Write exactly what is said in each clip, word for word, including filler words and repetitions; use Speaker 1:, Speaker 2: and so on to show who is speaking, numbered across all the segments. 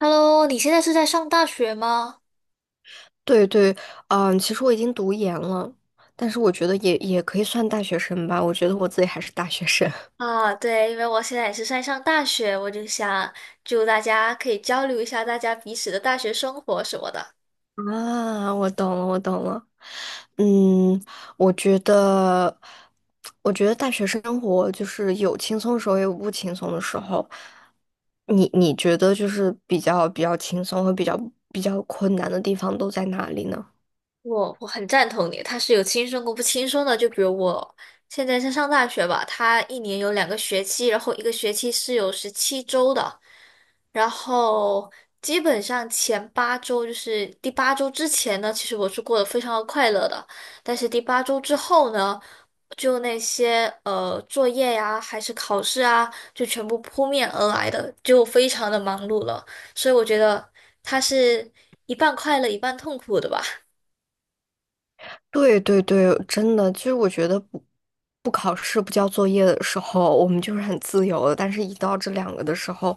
Speaker 1: Hello，你现在是在上大学吗？
Speaker 2: 对对，嗯，其实我已经读研了，但是我觉得也也可以算大学生吧，我觉得我自己还是大学生。
Speaker 1: 啊，对，因为我现在也是在上大学，我就想祝大家可以交流一下大家彼此的大学生活什么的。
Speaker 2: 啊，我懂了，我懂了。嗯，我觉得，我觉得大学生活就是有轻松的时候，也有不轻松的时候。你你觉得就是比较比较轻松和比较比较困难的地方都在哪里呢？
Speaker 1: 我我很赞同你，他是有轻松过不轻松的。就比如我现在在上大学吧，他一年有两个学期，然后一个学期是有十七周的，然后基本上前八周就是第八周之前呢，其实我是过得非常的快乐的，但是第八周之后呢？就那些呃作业呀，还是考试啊，就全部扑面而来的，就非常的忙碌了。所以我觉得它是一半快乐一半痛苦的吧。
Speaker 2: 对对对，真的，其实我觉得不不考试、不交作业的时候，我们就是很自由的，但是一到这两个的时候，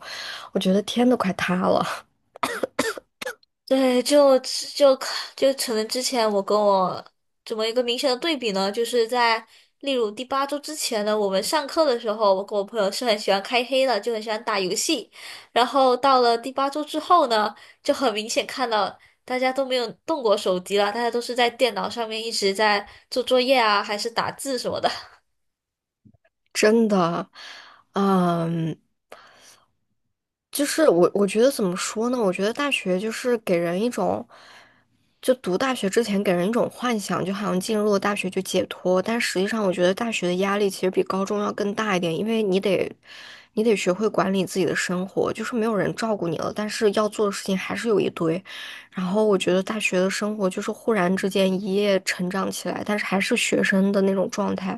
Speaker 2: 我觉得天都快塌了。
Speaker 1: 对，就就就可能之前我跟我怎么一个明显的对比呢？就是在例如第八周之前呢，我们上课的时候，我跟我朋友是很喜欢开黑的，就很喜欢打游戏。然后到了第八周之后呢，就很明显看到大家都没有动过手机了，大家都是在电脑上面一直在做作业啊，还是打字什么的。
Speaker 2: 真的。嗯。就是我，我觉得怎么说呢？我觉得大学就是给人一种，就读大学之前给人一种幻想，就好像进入了大学就解脱。但实际上，我觉得大学的压力其实比高中要更大一点，因为你得，你得学会管理自己的生活，就是没有人照顾你了，但是要做的事情还是有一堆。然后我觉得大学的生活就是忽然之间一夜成长起来，但是还是学生的那种状态，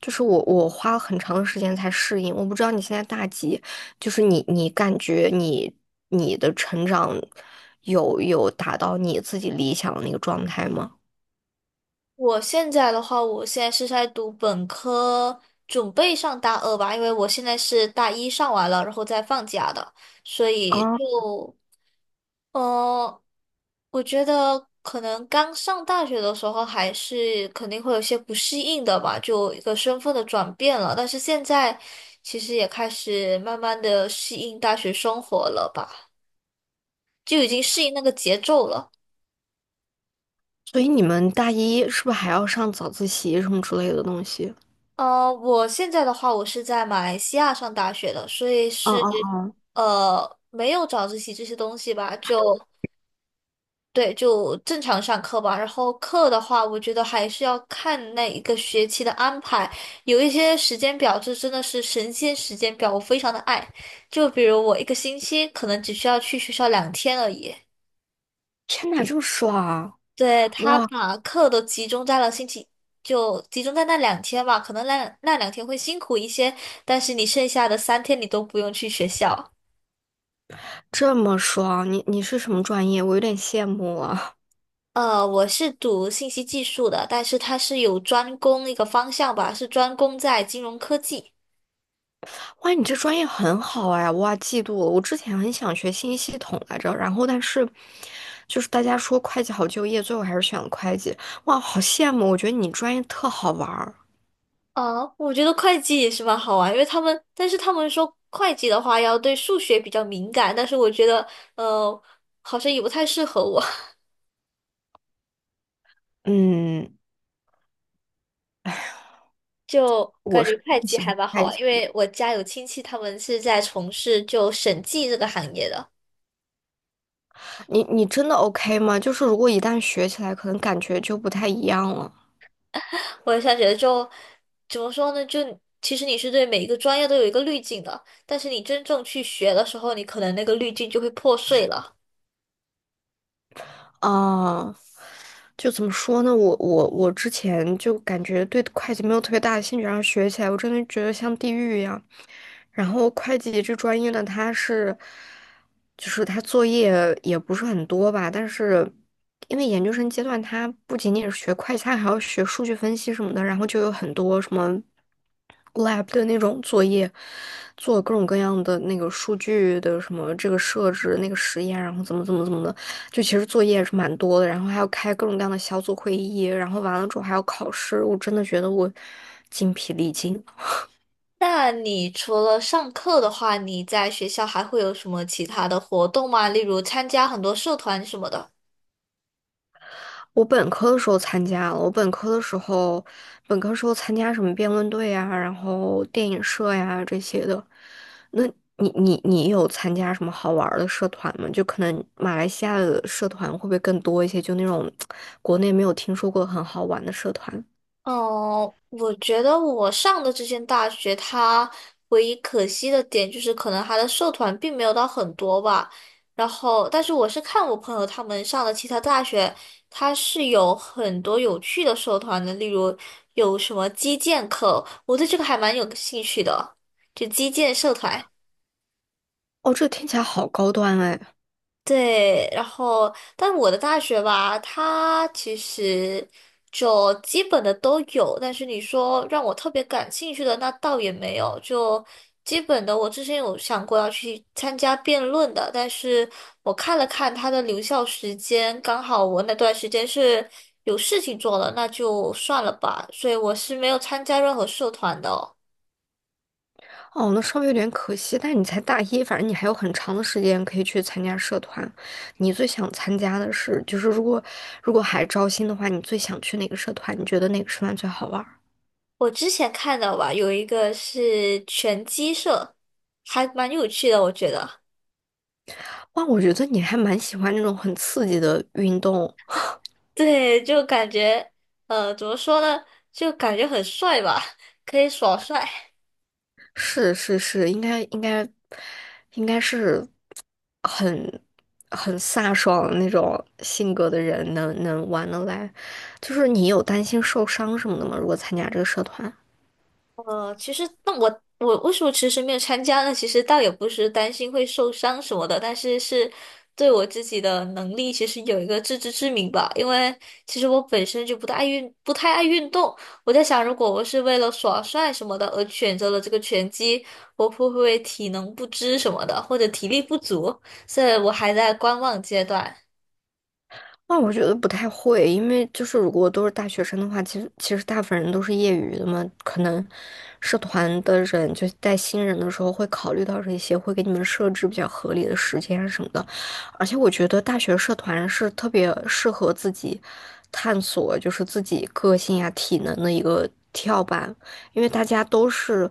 Speaker 2: 就是我我花了很长的时间才适应。我不知道你现在大几。就是你你感觉你你的成长有有达到你自己理想的那个状态吗？
Speaker 1: 我现在的话，我现在是在读本科，准备上大二吧，因为我现在是大一上完了，然后再放假的，所以
Speaker 2: 啊，
Speaker 1: 就，呃，我觉得可能刚上大学的时候还是肯定会有些不适应的吧，就一个身份的转变了，但是现在其实也开始慢慢的适应大学生活了吧，就已经适应那个节奏了。
Speaker 2: 所以你们大一是不是还要上早自习什么之类的东西？
Speaker 1: 呃，我现在的话，我是在马来西亚上大学的，所以
Speaker 2: 哦
Speaker 1: 是
Speaker 2: 哦哦。
Speaker 1: 呃没有早自习这些东西吧，就对，就正常上课吧。然后课的话，我觉得还是要看那一个学期的安排，有一些时间表，这真的是神仙时间表，我非常的爱。就比如我一个星期可能只需要去学校两天而已。
Speaker 2: 天哪，这么爽！
Speaker 1: 对，他
Speaker 2: 哇，
Speaker 1: 把课都集中在了星期，就集中在那两天吧。可能那那两天会辛苦一些，但是你剩下的三天你都不用去学校。
Speaker 2: 这么爽！你你是什么专业？我有点羡慕啊。
Speaker 1: 呃，我是读信息技术的，但是它是有专攻一个方向吧，是专攻在金融科技。
Speaker 2: 哇，你这专业很好哎，哇，嫉妒了。我之前很想学信息系统来着，然后但是就是大家说会计好就业，最后还是选了会计。哇，好羡慕！我觉得你专业特好玩儿。
Speaker 1: 呃，我觉得会计也是蛮好玩，因为他们，但是他们说会计的话要对数学比较敏感，但是我觉得，呃，好像也不太适合我。
Speaker 2: 嗯，
Speaker 1: 就感
Speaker 2: 我是
Speaker 1: 觉会计
Speaker 2: 喜欢
Speaker 1: 还蛮好
Speaker 2: 会
Speaker 1: 玩，
Speaker 2: 计。
Speaker 1: 因为我家有亲戚，他们是在从事就审计这个行业的。
Speaker 2: 你你真的 OK 吗？就是如果一旦学起来，可能感觉就不太一样了。
Speaker 1: 我想觉得就怎么说呢？就其实你是对每一个专业都有一个滤镜的，但是你真正去学的时候，你可能那个滤镜就会破碎了。
Speaker 2: 啊，就怎么说呢？我我我之前就感觉对会计没有特别大的兴趣，然后学起来，我真的觉得像地狱一样。然后会计这专业呢，它是，就是它作业也不是很多吧，但是因为研究生阶段，它不仅仅是学会计，它还要学数据分析什么的，然后就有很多什么 lab 的那种作业，做各种各样的那个数据的什么这个设置、那个实验，然后怎么怎么怎么的，就其实作业是蛮多的，然后还要开各种各样的小组会议，然后完了之后还要考试，我真的觉得我精疲力尽。
Speaker 1: 那你除了上课的话，你在学校还会有什么其他的活动吗？例如参加很多社团什么的。
Speaker 2: 我本科的时候参加了，我本科的时候，本科时候参加什么辩论队呀，然后电影社呀这些的。那你你你有参加什么好玩儿的社团吗？就可能马来西亚的社团会不会更多一些？就那种 国内没有听说过很好玩的社团。
Speaker 1: 哦，我觉得我上的这间大学，它唯一可惜的点就是，可能它的社团并没有到很多吧。然后，但是我是看我朋友他们上的其他大学，它是有很多有趣的社团的，例如有什么击剑课，我对这个还蛮有兴趣的，就击剑社团。
Speaker 2: 哦，这听起来好高端哎。
Speaker 1: 对，然后但我的大学吧，它其实就基本的都有，但是你说让我特别感兴趣的，那倒也没有。就基本的，我之前有想过要去参加辩论的，但是我看了看它的留校时间，刚好我那段时间是有事情做了，那就算了吧，所以我是没有参加任何社团的哦
Speaker 2: 哦，那稍微有点可惜，但是你才大一，反正你还有很长的时间可以去参加社团。你最想参加的是，就是如果如果还招新的话，你最想去哪个社团？你觉得哪个社团最好玩儿？
Speaker 1: 我之前看到吧，有一个是拳击社，还蛮有趣的，我觉得。
Speaker 2: 哇，我觉得你还蛮喜欢那种很刺激的运动。
Speaker 1: 对，就感觉，呃，怎么说呢？就感觉很帅吧，可以耍帅。
Speaker 2: 是是是，应该应该应该是很很飒爽的那种性格的人能能玩得来。就是你有担心受伤什么的吗？如果参加这个社团？
Speaker 1: 呃，其实那我我为什么迟迟没有参加呢？其实倒也不是担心会受伤什么的，但是是对我自己的能力其实有一个自知之明吧。因为其实我本身就不太爱运，不太爱运，动。我在想，如果我是为了耍帅什么的而选择了这个拳击，我会不会体能不支什么的，或者体力不足？所以我还在观望阶段。
Speaker 2: 那我觉得不太会，因为就是如果都是大学生的话，其实其实大部分人都是业余的嘛，可能社团的人就带新人的时候会考虑到这些，会给你们设置比较合理的时间啊什么的。而且我觉得大学社团是特别适合自己探索，就是自己个性呀、体能的一个跳板，因为大家都是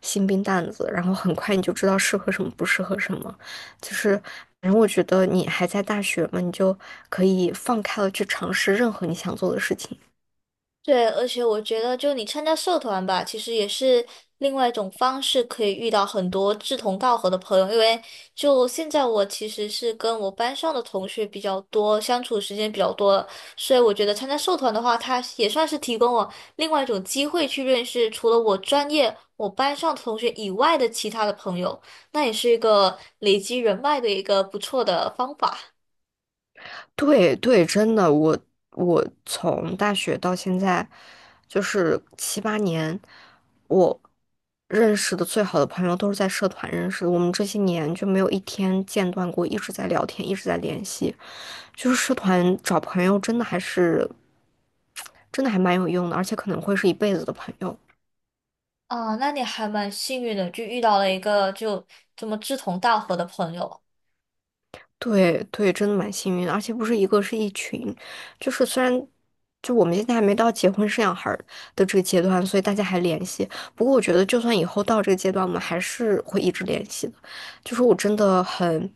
Speaker 2: 新兵蛋子，然后很快你就知道适合什么，不适合什么。就是，反正我觉得你还在大学嘛，你就可以放开了去尝试任何你想做的事情。
Speaker 1: 对，而且我觉得，就你参加社团吧，其实也是另外一种方式，可以遇到很多志同道合的朋友。因为就现在我其实是跟我班上的同学比较多，相处时间比较多了所以我觉得参加社团的话，它也算是提供我另外一种机会去认识除了我专业、我班上同学以外的其他的朋友，那也是一个累积人脉的一个不错的方法。
Speaker 2: 对对，真的，我我从大学到现在，就是七八年，我认识的最好的朋友都是在社团认识的，我们这些年就没有一天间断过，一直在聊天，一直在联系。就是社团找朋友，真的还是，真的还蛮有用的，而且可能会是一辈子的朋友。
Speaker 1: 啊，那你还蛮幸运的，就遇到了一个就这么志同道合的朋友。
Speaker 2: 对对，真的蛮幸运的，而且不是一个，是一群。就是虽然就我们现在还没到结婚生小孩儿的这个阶段，所以大家还联系。不过我觉得，就算以后到这个阶段，我们还是会一直联系的。就是我真的很，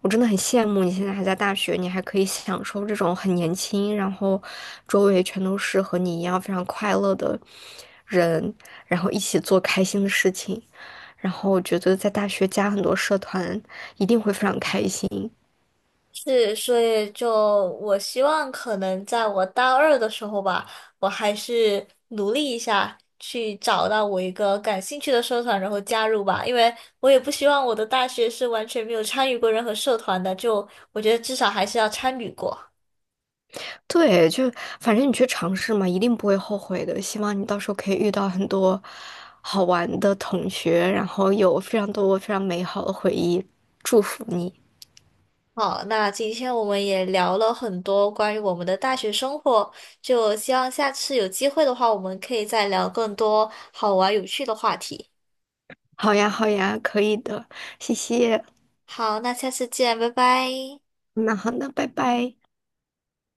Speaker 2: 我真的很羡慕你现在还在大学，你还可以享受这种很年轻，然后周围全都是和你一样非常快乐的人，然后一起做开心的事情。然后我觉得在大学加很多社团，一定会非常开心。
Speaker 1: 是，所以就我希望可能在我大二的时候吧，我还是努力一下，去找到我一个感兴趣的社团，然后加入吧。因为我也不希望我的大学是完全没有参与过任何社团的，就我觉得至少还是要参与过。
Speaker 2: 对，就反正你去尝试嘛，一定不会后悔的。希望你到时候可以遇到很多好玩的同学，然后有非常多非常美好的回忆。祝福你。
Speaker 1: 好，那今天我们也聊了很多关于我们的大学生活，就希望下次有机会的话，我们可以再聊更多好玩有趣的话题。
Speaker 2: 好呀，好呀，可以的，谢谢。
Speaker 1: 好，那下次见，拜拜。
Speaker 2: 那好，的，拜拜。